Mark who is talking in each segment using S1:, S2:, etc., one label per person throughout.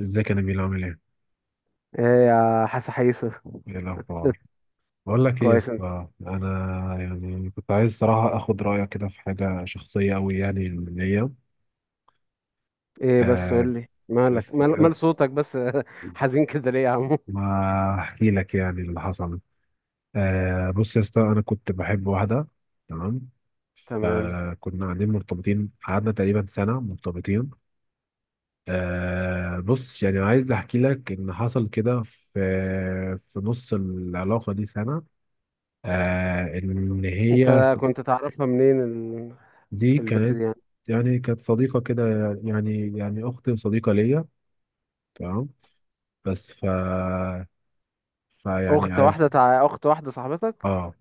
S1: ازيك يا نبيل عامل ايه؟
S2: ايه يا حاسة حيسة.
S1: ايه الاخبار؟ بقول لك ايه يا
S2: كويس أوي.
S1: اسطى، انا يعني كنت عايز صراحه اخد رايك كده في حاجه شخصيه قوي يعني ليا.
S2: ايه بس
S1: آه
S2: قول لي مالك
S1: بس
S2: مال,
S1: آه
S2: مال صوتك بس. حزين كده ليه يا عمو؟
S1: ما احكي لك يعني اللي حصل. آه، بص يا اسطى، انا كنت بحب واحده. تمام.
S2: تمام.
S1: فكنا قاعدين مرتبطين، قعدنا تقريبا سنه مرتبطين. آه، بص يعني عايز احكي لك ان حصل كده في نص العلاقه دي سنه. آه ان هي
S2: انت كنت تعرفها منين
S1: دي
S2: البت
S1: كانت
S2: دي يعني؟
S1: يعني كانت صديقة كده، يعني أخت صديقة ليا. تمام. بس ف فيعني عرف
S2: اخت واحدة صاحبتك؟
S1: اه،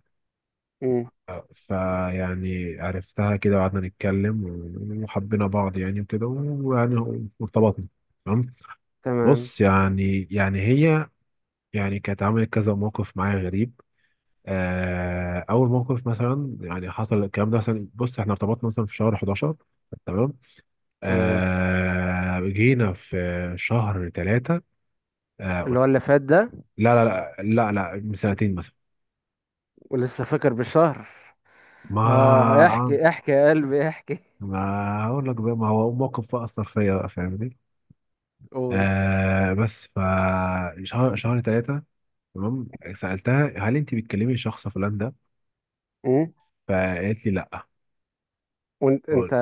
S2: امم.
S1: فيعني عرفتها كده وقعدنا نتكلم وحبينا بعض يعني وكده ويعني وارتبطنا. تمام.
S2: تمام
S1: بص يعني يعني هي، يعني كانت عملت كذا موقف معايا غريب. آه، أول موقف مثلا يعني حصل الكلام ده، مثلا بص احنا ارتبطنا مثلا في شهر 11. تمام.
S2: تمام.
S1: آه، جينا في شهر ثلاثة. آه
S2: اللي
S1: قلت-
S2: هو اللي فات ده؟
S1: لا لا لا لا لا، من سنتين مثلا.
S2: ولسه فاكر بالشهر؟ اه
S1: ما
S2: احكي احكي يا قلبي احكي.
S1: ما اقول لك بقى، ما هو موقف بقى اثر فيا بقى، فاهمني؟
S2: قول.
S1: آه بس ف شهر ثلاثة. تمام. سألتها هل انت بتكلمي شخص فلان ده؟
S2: امم.
S1: فقالت لي لا.
S2: وانت
S1: قلت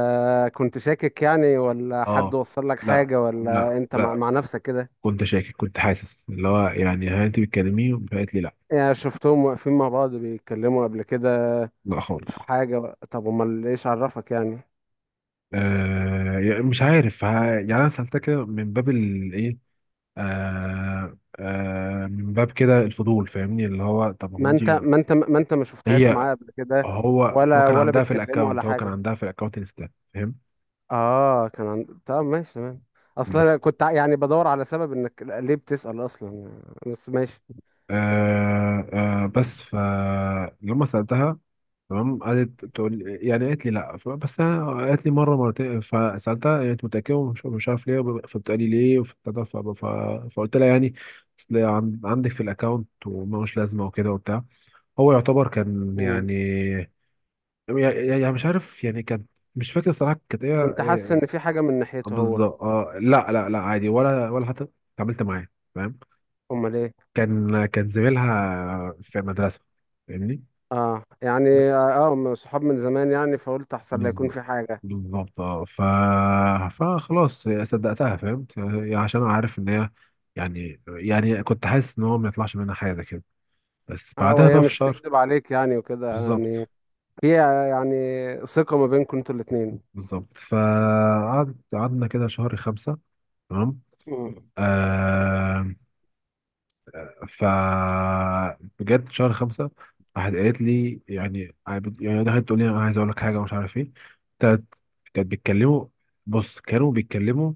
S2: كنت شاكك يعني، ولا حد
S1: اه،
S2: وصل لك
S1: لا
S2: حاجة،
S1: لا
S2: ولا انت مع,
S1: لا،
S2: مع نفسك كده؟
S1: كنت شاكك، كنت حاسس اللي هو يعني هل انت بتكلميه؟ فقالت لي لا.
S2: يعني شفتهم واقفين مع بعض بيتكلموا قبل كده؟
S1: لا
S2: في
S1: خالص.
S2: حاجة؟ طب امال ايش عرفك يعني؟
S1: آه يعني مش عارف يعني انا سالتها كده من باب الايه، آه آه من باب كده الفضول، فاهمني اللي هو طب هو
S2: ما
S1: انت.
S2: انت ما انت ما انت ما شفتهاش
S1: هي.
S2: معاه قبل كده؟
S1: هو. هو
S2: ولا
S1: كان
S2: ولا
S1: عندها في
S2: بيتكلموا ولا
S1: الاكونت هو كان
S2: حاجة؟
S1: عندها في الاكونت انستا، فاهم؟
S2: اه كان طب ماشي تمام. اصلا أنا كنت يعني بدور على سبب انك ليه بتسأل اصلا، بس ماشي.
S1: آه. آه بس ف يوم ما سألتها تمام، يعني قالت لي لا. بس انا قالت لي مره مرتين، فسالتها يعني انت متاكده؟ ومش مش عارف ليه فبتقالي ليه فقلت لها يعني اصل عندك في الاكونت وملوش لازمه وكده وبتاع. هو يعتبر كان
S2: مم.
S1: يعني، يعني مش عارف يعني كان. مش فاكر الصراحه كانت ايه
S2: كنت حاسس ان في حاجة من ناحيته هو؟
S1: بالظبط. اه لا لا لا عادي، ولا ولا حتى اتعاملت معاه فاهم.
S2: امال ايه؟
S1: كان زميلها في مدرسة، فاهمني؟
S2: اه يعني
S1: بس.
S2: اه من صحاب من زمان يعني، فقلت احسن لا يكون
S1: بالظبط.
S2: في حاجة.
S1: بالظبط اه. فخلاص صدقتها، فاهم؟ عشان أنا عارف ان هي يعني، يعني كنت حاسس ان هو ما يطلعش منها حاجة زي كده. بس
S2: اه،
S1: بعدها
S2: وهي
S1: بقى في
S2: مش
S1: شهر.
S2: تكذب عليك يعني وكده
S1: بالظبط.
S2: يعني. في يعني ثقة ما بينكم انتوا الاتنين.
S1: بالظبط. قعدنا كده شهر خمسة. تمام.
S2: مم.
S1: آه. ف. بجد شهر خمسة راحت قالت لي يعني، يعني دخلت تقول لي انا عايز اقول لك حاجه ومش عارف ايه. كانت. كانت بيتكلموا. بص كانوا بيتكلموا.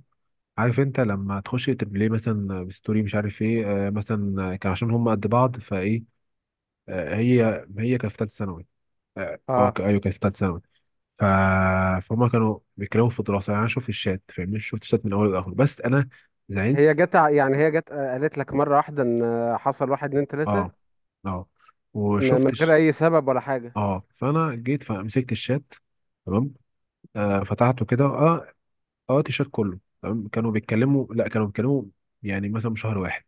S1: عارف انت لما تخش تبليه مثلا بستوري مش عارف ايه، آه مثلا كان عشان هم قد بعض فايه. آه، هي كانت في ثالثه ثانوي. اه آه،
S2: اه
S1: ايوه كانت في ثالثه ثانوي. ف... فهم كانوا بيتكلموا في الدراسه، يعني انا شفت الشات فاهمني، شفت الشات من اول لاخر. بس انا
S2: هي
S1: زعلت.
S2: جت يعني هي جت قالت لك مرة واحدة ان حصل واحد اتنين
S1: اه.
S2: تلاتة؟
S1: اه
S2: من غير
S1: وشفتش.
S2: اي سبب ولا حاجة؟
S1: اه فانا جيت فمسكت الشات. تمام. آه فتحته كده، اه. اه الشات كله تمام، كانوا بيتكلموا. لا كانوا بيتكلموا يعني مثلا شهر واحد.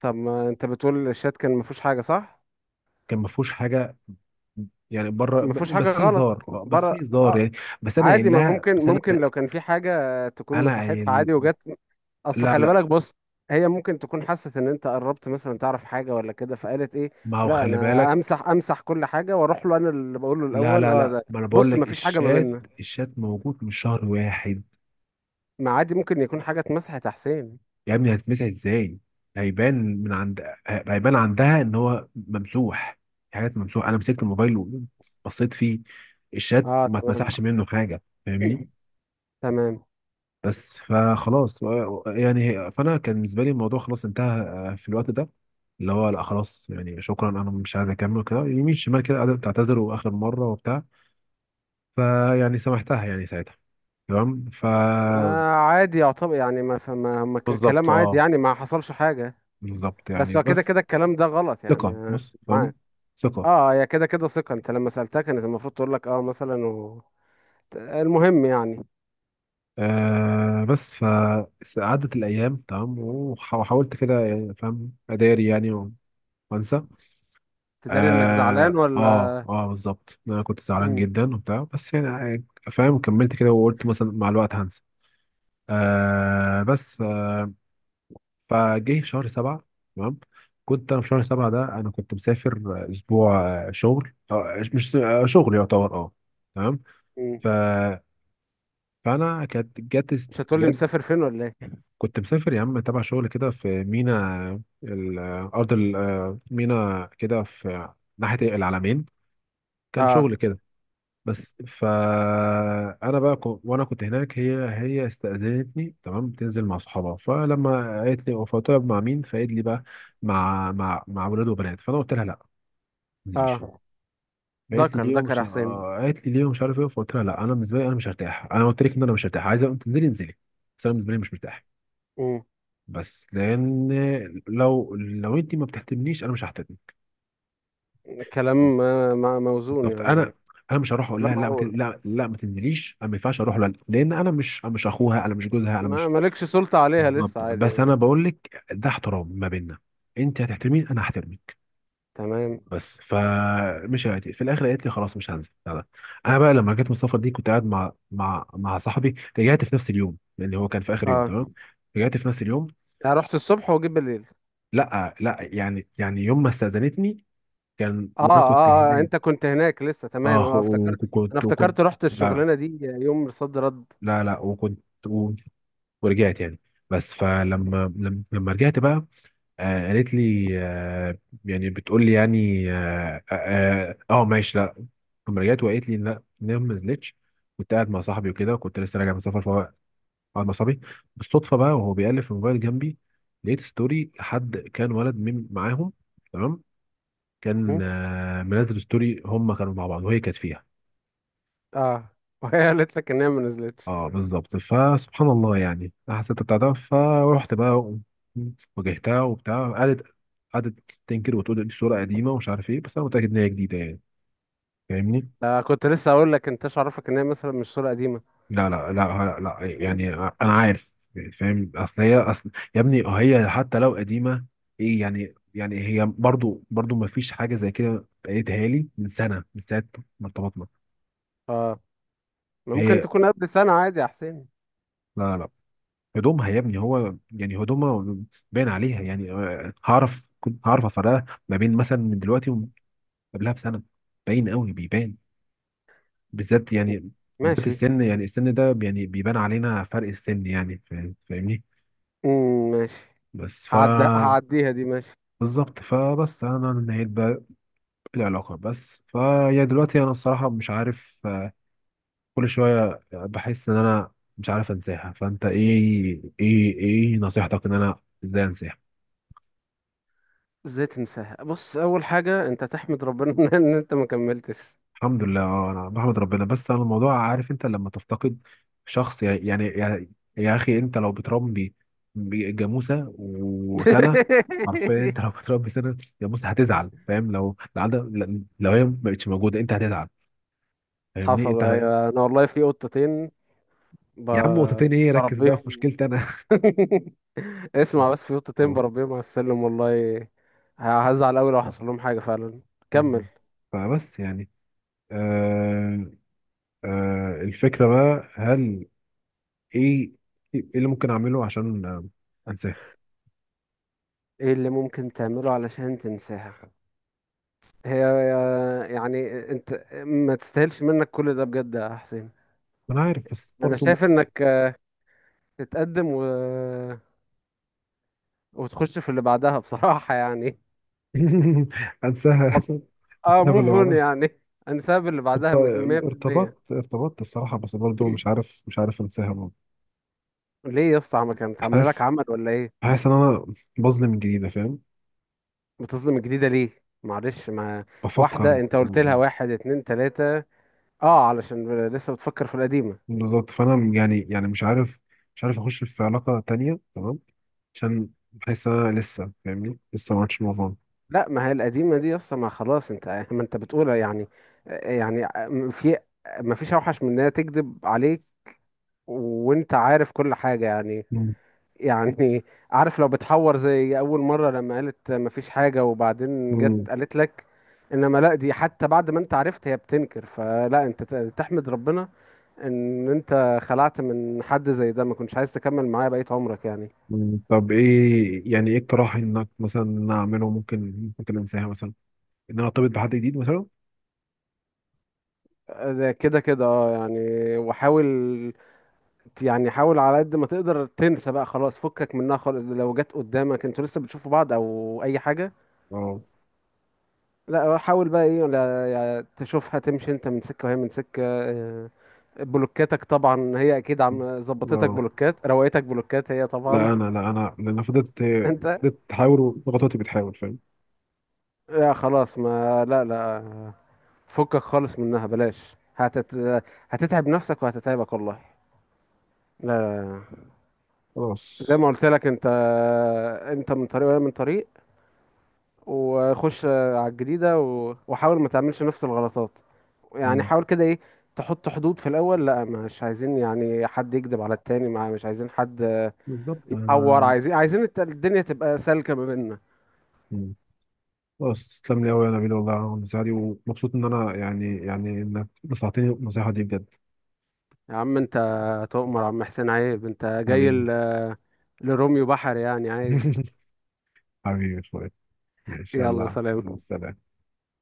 S2: طب ما انت بتقول الشات كان ما فيهوش حاجة، صح؟
S1: كان ما فيهوش حاجه يعني، بره
S2: ما فيهوش حاجة
S1: بس في
S2: غلط.
S1: هزار، آه، بس
S2: بره.
S1: في هزار
S2: اه
S1: يعني.
S2: عادي. ما ممكن،
S1: بس انا.
S2: ممكن لو كان في حاجة تكون
S1: انا
S2: مساحتها
S1: قايل.
S2: عادي، وجت. اصل
S1: لا
S2: خلي
S1: لا.
S2: بالك. بص، هي ممكن تكون حست ان انت قربت مثلا تعرف حاجة ولا كده، فقالت ايه
S1: ما هو
S2: لا
S1: خلي
S2: انا
S1: بالك.
S2: امسح امسح كل حاجة واروح له انا اللي بقول له
S1: لا
S2: الاول.
S1: لا
S2: اه
S1: لا،
S2: ده
S1: ما انا بقول
S2: بص،
S1: لك
S2: ما فيش حاجة ما
S1: الشات،
S2: بيننا.
S1: الشات موجود من شهر واحد.
S2: ما عادي ممكن يكون حاجة اتمسحت يا حسين.
S1: يا ابني هتتمسح ازاي؟ هيبان. من عند هيبان عندها ان هو ممسوح، في حاجات ممسوح. انا مسكت الموبايل وبصيت فيه، الشات
S2: اه
S1: ما اتمسحش
S2: تمام.
S1: منه حاجه فاهمني.
S2: تمام.
S1: بس فخلاص يعني. فانا كان بالنسبه لي الموضوع خلاص انتهى، آه، في الوقت ده اللي هو لا خلاص يعني شكرا انا مش عايز اكمل كده يمين شمال، كده قاعده بتعتذر واخر مره وبتاع. فيعني سامحتها يعني ساعتها. تمام. ف.
S2: آه عادي يعتبر يعني، ما فما ما ك-
S1: بالظبط
S2: كلام عادي
S1: اه.
S2: يعني، ما حصلش حاجة.
S1: بالظبط يعني
S2: بس هو كده
S1: بس
S2: كده الكلام ده غلط يعني
S1: ثقه، بس تمام،
S2: معاك.
S1: ثقه.
S2: اه، هي كده كده ثقة، انت لما سألتها كانت المفروض تقول لك اه مثلا المهم يعني.
S1: آه، بس فعدت الأيام تمام، وحاولت كده يعني فاهم أداري يعني وأنسى.
S2: تداري انك زعلان
S1: آه آه
S2: ولا؟
S1: آه بالظبط أنا كنت زعلان
S2: م-
S1: جدا وبتاع بس يعني آه، يعني فاهم كملت كده وقلت مثلا مع الوقت هنسى. آه بس آه، فجه شهر سبعة. تمام. كنت أنا في شهر سبعة ده أنا كنت مسافر، آه، أسبوع. آه، شغل، آه مش آه شغل يعتبر آه. تمام.
S2: م.
S1: ف. فأنا كانت جت.
S2: مش هتقول لي مسافر فين ولا ايه؟
S1: كنت مسافر يا عم تبع شغل كده في مينا الأرض، مينا كده في ناحية العلمين، كان
S2: اه
S1: شغل كده. بس فأنا بقى وأنا كنت هناك هي. هي استأذنتني، تمام، تنزل مع صحابها. فلما قالت لي فطلب مع مين؟ فقالت لي بقى مع مع ولاد وبنات. فأنا قلت لها لا، ما تنزليش.
S2: اه.
S1: فقالت لي
S2: ذكر
S1: ليه
S2: ذكر
S1: ومش
S2: يا حسين.
S1: آه، قالت لي ليه ومش عارف ايه. فقلت لها لا، انا بالنسبه لي مش هرتاح، انا قلت لك ان انا مش هرتاح. عايزه تنزلي انزلي، بس انا بالنسبه لي مش مرتاح.
S2: م.
S1: بس لان لو انت ما بتهتمنيش انا مش ههتم. بس
S2: كلام موزون
S1: بالظبط.
S2: يعني.
S1: انا مش هروح اقول
S2: كلام
S1: لها لا ما
S2: معقول.
S1: لا لا ما تنزليش. انا ما ينفعش اروح لها لان انا مش، أنا مش اخوها، انا مش جوزها، انا
S2: ما
S1: مش.
S2: مالكش سلطة عليها لسه
S1: بالظبط.
S2: عادي
S1: بس انا
S2: يعني.
S1: بقول لك ده احترام ما بيننا، انت هتحترمين انا هحترمك.
S2: تمام.
S1: بس فمش في الاخر قالت لي خلاص مش هنزل لا لا. انا بقى لما رجعت من السفر دي كنت قاعد مع مع صاحبي. رجعت في نفس اليوم لان هو كان في اخر يوم
S2: اه،
S1: تمام. رجعت في نفس اليوم.
S2: انا رحت الصبح وجيت بالليل؟
S1: لا لا، يعني يعني يوم ما استاذنتني كان
S2: اه
S1: وانا كنت
S2: اه اه،
S1: هناك.
S2: انت كنت هناك لسه، تمام،
S1: اه
S2: اه افتكرت. انا
S1: وكنت.
S2: افتكرت رحت
S1: لا
S2: الشغلانه دي يوم صد رد.
S1: لا لا وكنت. و- ورجعت يعني. بس فلما لما رجعت بقى. آه قالت لي آه يعني بتقول لي يعني اه، آه، آه آه، ماشي لا. لما رجعت وقالت لي لا إن هي ما نزلتش. كنت قاعد مع صاحبي وكده وكنت لسه راجع من سفر. فهو قاعد مع صاحبي بالصدفه بقى، وهو بيقلب في الموبايل جنبي، لقيت ستوري حد كان، ولد من معاهم تمام،
S2: م؟
S1: كان آه منزل ستوري هم كانوا مع بعض وهي كانت فيها.
S2: اه وهي قالت لك ان هي ما نزلتش؟
S1: اه بالظبط. فسبحان الله، يعني أنا حسيت بتاع ده. فروحت بقى واجهتها وبتاع. قعدت تنكر وتقول دي صورة قديمة ومش عارف ايه. بس انا متأكد ان هي جديدة يعني فاهمني.
S2: آه كنت لسه اقول لك انتش عارفك ان هي مثلا مش صوره قديمه؟
S1: لا لا لا. لا، لا يعني انا عارف فاهم. اصل هي اصل يا ابني هي حتى لو قديمة ايه يعني؟ يعني هي برضو ما فيش حاجة زي كده بقيتها لي من سنة، من ساعة ما ارتبطنا.
S2: اه، ما ممكن
S1: هي.
S2: تكون قبل سنه عادي يا حسين.
S1: لا لا. هدومها يا ابني هو يعني هدومها باين عليها، يعني آه، هعرف، كنت هعرف افرقها ما بين مثلا من دلوقتي ومن قبلها بسنه. باين قوي بيبان، بالذات
S2: م.
S1: يعني، بالذات
S2: ماشي.
S1: السن، يعني السن ده يعني بيبان علينا فرق السن يعني فاهمني.
S2: ماشي.
S1: بس ف.
S2: هعدي دي ماشي.
S1: بالظبط. فبس انا نهيت بقى العلاقه. بس فيا دلوقتي انا الصراحه مش عارف، آه، كل شويه بحس ان انا مش عارف انساها. فانت ايه ايه ايه نصيحتك ان انا ازاي انساها؟
S2: ازاي تنساها؟ بص، اول حاجه انت تحمد ربنا ان انت ما كملتش.
S1: الحمد لله اه انا بحمد ربنا. بس انا الموضوع عارف انت لما تفتقد شخص، يعني يعني يا اخي انت لو بتربي جاموسه وسنه، حرفيا انت لو بتربي سنه جاموسه هتزعل، فاهم؟ لو لو عندك، لو هي ما بقتش موجوده انت هتزعل فاهمني؟
S2: حصل،
S1: انت.
S2: ايوه انا والله في قطتين ب...
S1: يا عم نقطتين ايه، ركز بقى في
S2: بربيهم.
S1: مشكلتي انا.
S2: اسمع، بس في قطتين بربيهم على السلم والله. هزعل أوي لو حصل لهم حاجة فعلا. كمل.
S1: فبس يعني. آه. آه الفكره بقى، هل ايه ايه اللي ممكن اعمله عشان آه، انساه؟
S2: ايه اللي ممكن تعمله علشان تنساها؟ هي يعني انت ما تستاهلش منك كل ده بجد يا حسين.
S1: انا عارف بس
S2: انا
S1: برضه.
S2: شايف انك تتقدم وتخش في اللي بعدها بصراحة يعني.
S1: انساها.
S2: اه
S1: انساها
S2: موف
S1: باللي
S2: اون
S1: بعدها.
S2: يعني. انساب اللي
S1: ارت-
S2: بعدها 100%.
S1: ارتبطت الصراحة بس برضه مش عارف، مش عارف انساها برضه.
S2: ليه يا اسطى، ما كانت عامله لك
S1: حاسس،
S2: عمل ولا ايه؟
S1: حاسس ان انا بظلم من جديدة فاهم؟
S2: بتظلم الجديدة ليه؟ معلش، ما
S1: بفكر.
S2: واحدة انت قلت لها واحد اتنين تلاتة. اه علشان لسه بتفكر في القديمة.
S1: بالظبط. فانا يعني يعني مش عارف، مش عارف اخش في علاقة تانية تمام، عشان بحس ان انا لسه فاهمني لسه ما عملتش موف اون.
S2: لا ما هي القديمة دي اصلا ما خلاص انت، ما انت بتقولها يعني. يعني في، ما فيش اوحش من انها تكذب عليك وانت عارف كل حاجة يعني.
S1: مم.
S2: يعني عارف لو بتحور زي اول مره لما قالت مفيش حاجه وبعدين جت
S1: مم.
S2: قالت لك، انما لا دي حتى بعد ما انت عرفت هي بتنكر، فلا انت تحمد ربنا ان انت خلعت من حد زي ده ما كنتش عايز تكمل معاه بقية عمرك يعني.
S1: مم. طب ايه يعني ايه اقتراح انك مثلا إن أنا اعمله ممكن ممكن انساها مثلا، ان انا ارتبط بحد جديد مثلا؟
S2: ده كده كده اه يعني، وحاول. يعني حاول على قد ما تقدر تنسى بقى، خلاص فكك منها خالص. لو جت قدامك انتوا لسه بتشوفوا بعض او اي حاجة،
S1: اه
S2: لا حاول بقى ايه، ولا يعني تشوفها تمشي انت من سكة وهي من سكة بلوكاتك طبعا هي اكيد عم ظبطتك
S1: اه.
S2: بلوكات، روقتك بلوكات هي
S1: لا
S2: طبعا.
S1: انا لا انا لان فضلت.
S2: انت
S1: فضلت تحاول وضغطاتي بتحاول، فاهم؟
S2: لا خلاص، ما لا لا فكك خالص منها، بلاش هتتعب نفسك وهتتعبك والله. لا لا لا. زي
S1: خلاص.
S2: ما قلت لك انت، انت من طريق وهي من طريق، وخش على الجديدة وحاول ما تعملش نفس الغلطات. يعني
S1: مم.
S2: حاول كده ايه، تحط حدود في الاول، لا مش عايزين يعني حد يكذب على التاني، مع مش عايزين حد
S1: بالظبط
S2: يتعور،
S1: انا.
S2: عايزين الدنيا تبقى سالكة ما بيننا.
S1: مم. خلاص. تسلم لي قوي يا نبيل والله على النصيحه دي، ومبسوط ان انا يعني، يعني انك نصحتني النصيحه دي بجد.
S2: يا عم انت تؤمر يا عم حسين، عيب انت جاي
S1: حبيبي.
S2: لروميو بحر يعني، عيب.
S1: حبيبي يا اخويا. ماشي
S2: يلا
S1: يلا.
S2: سلام.
S1: سلام.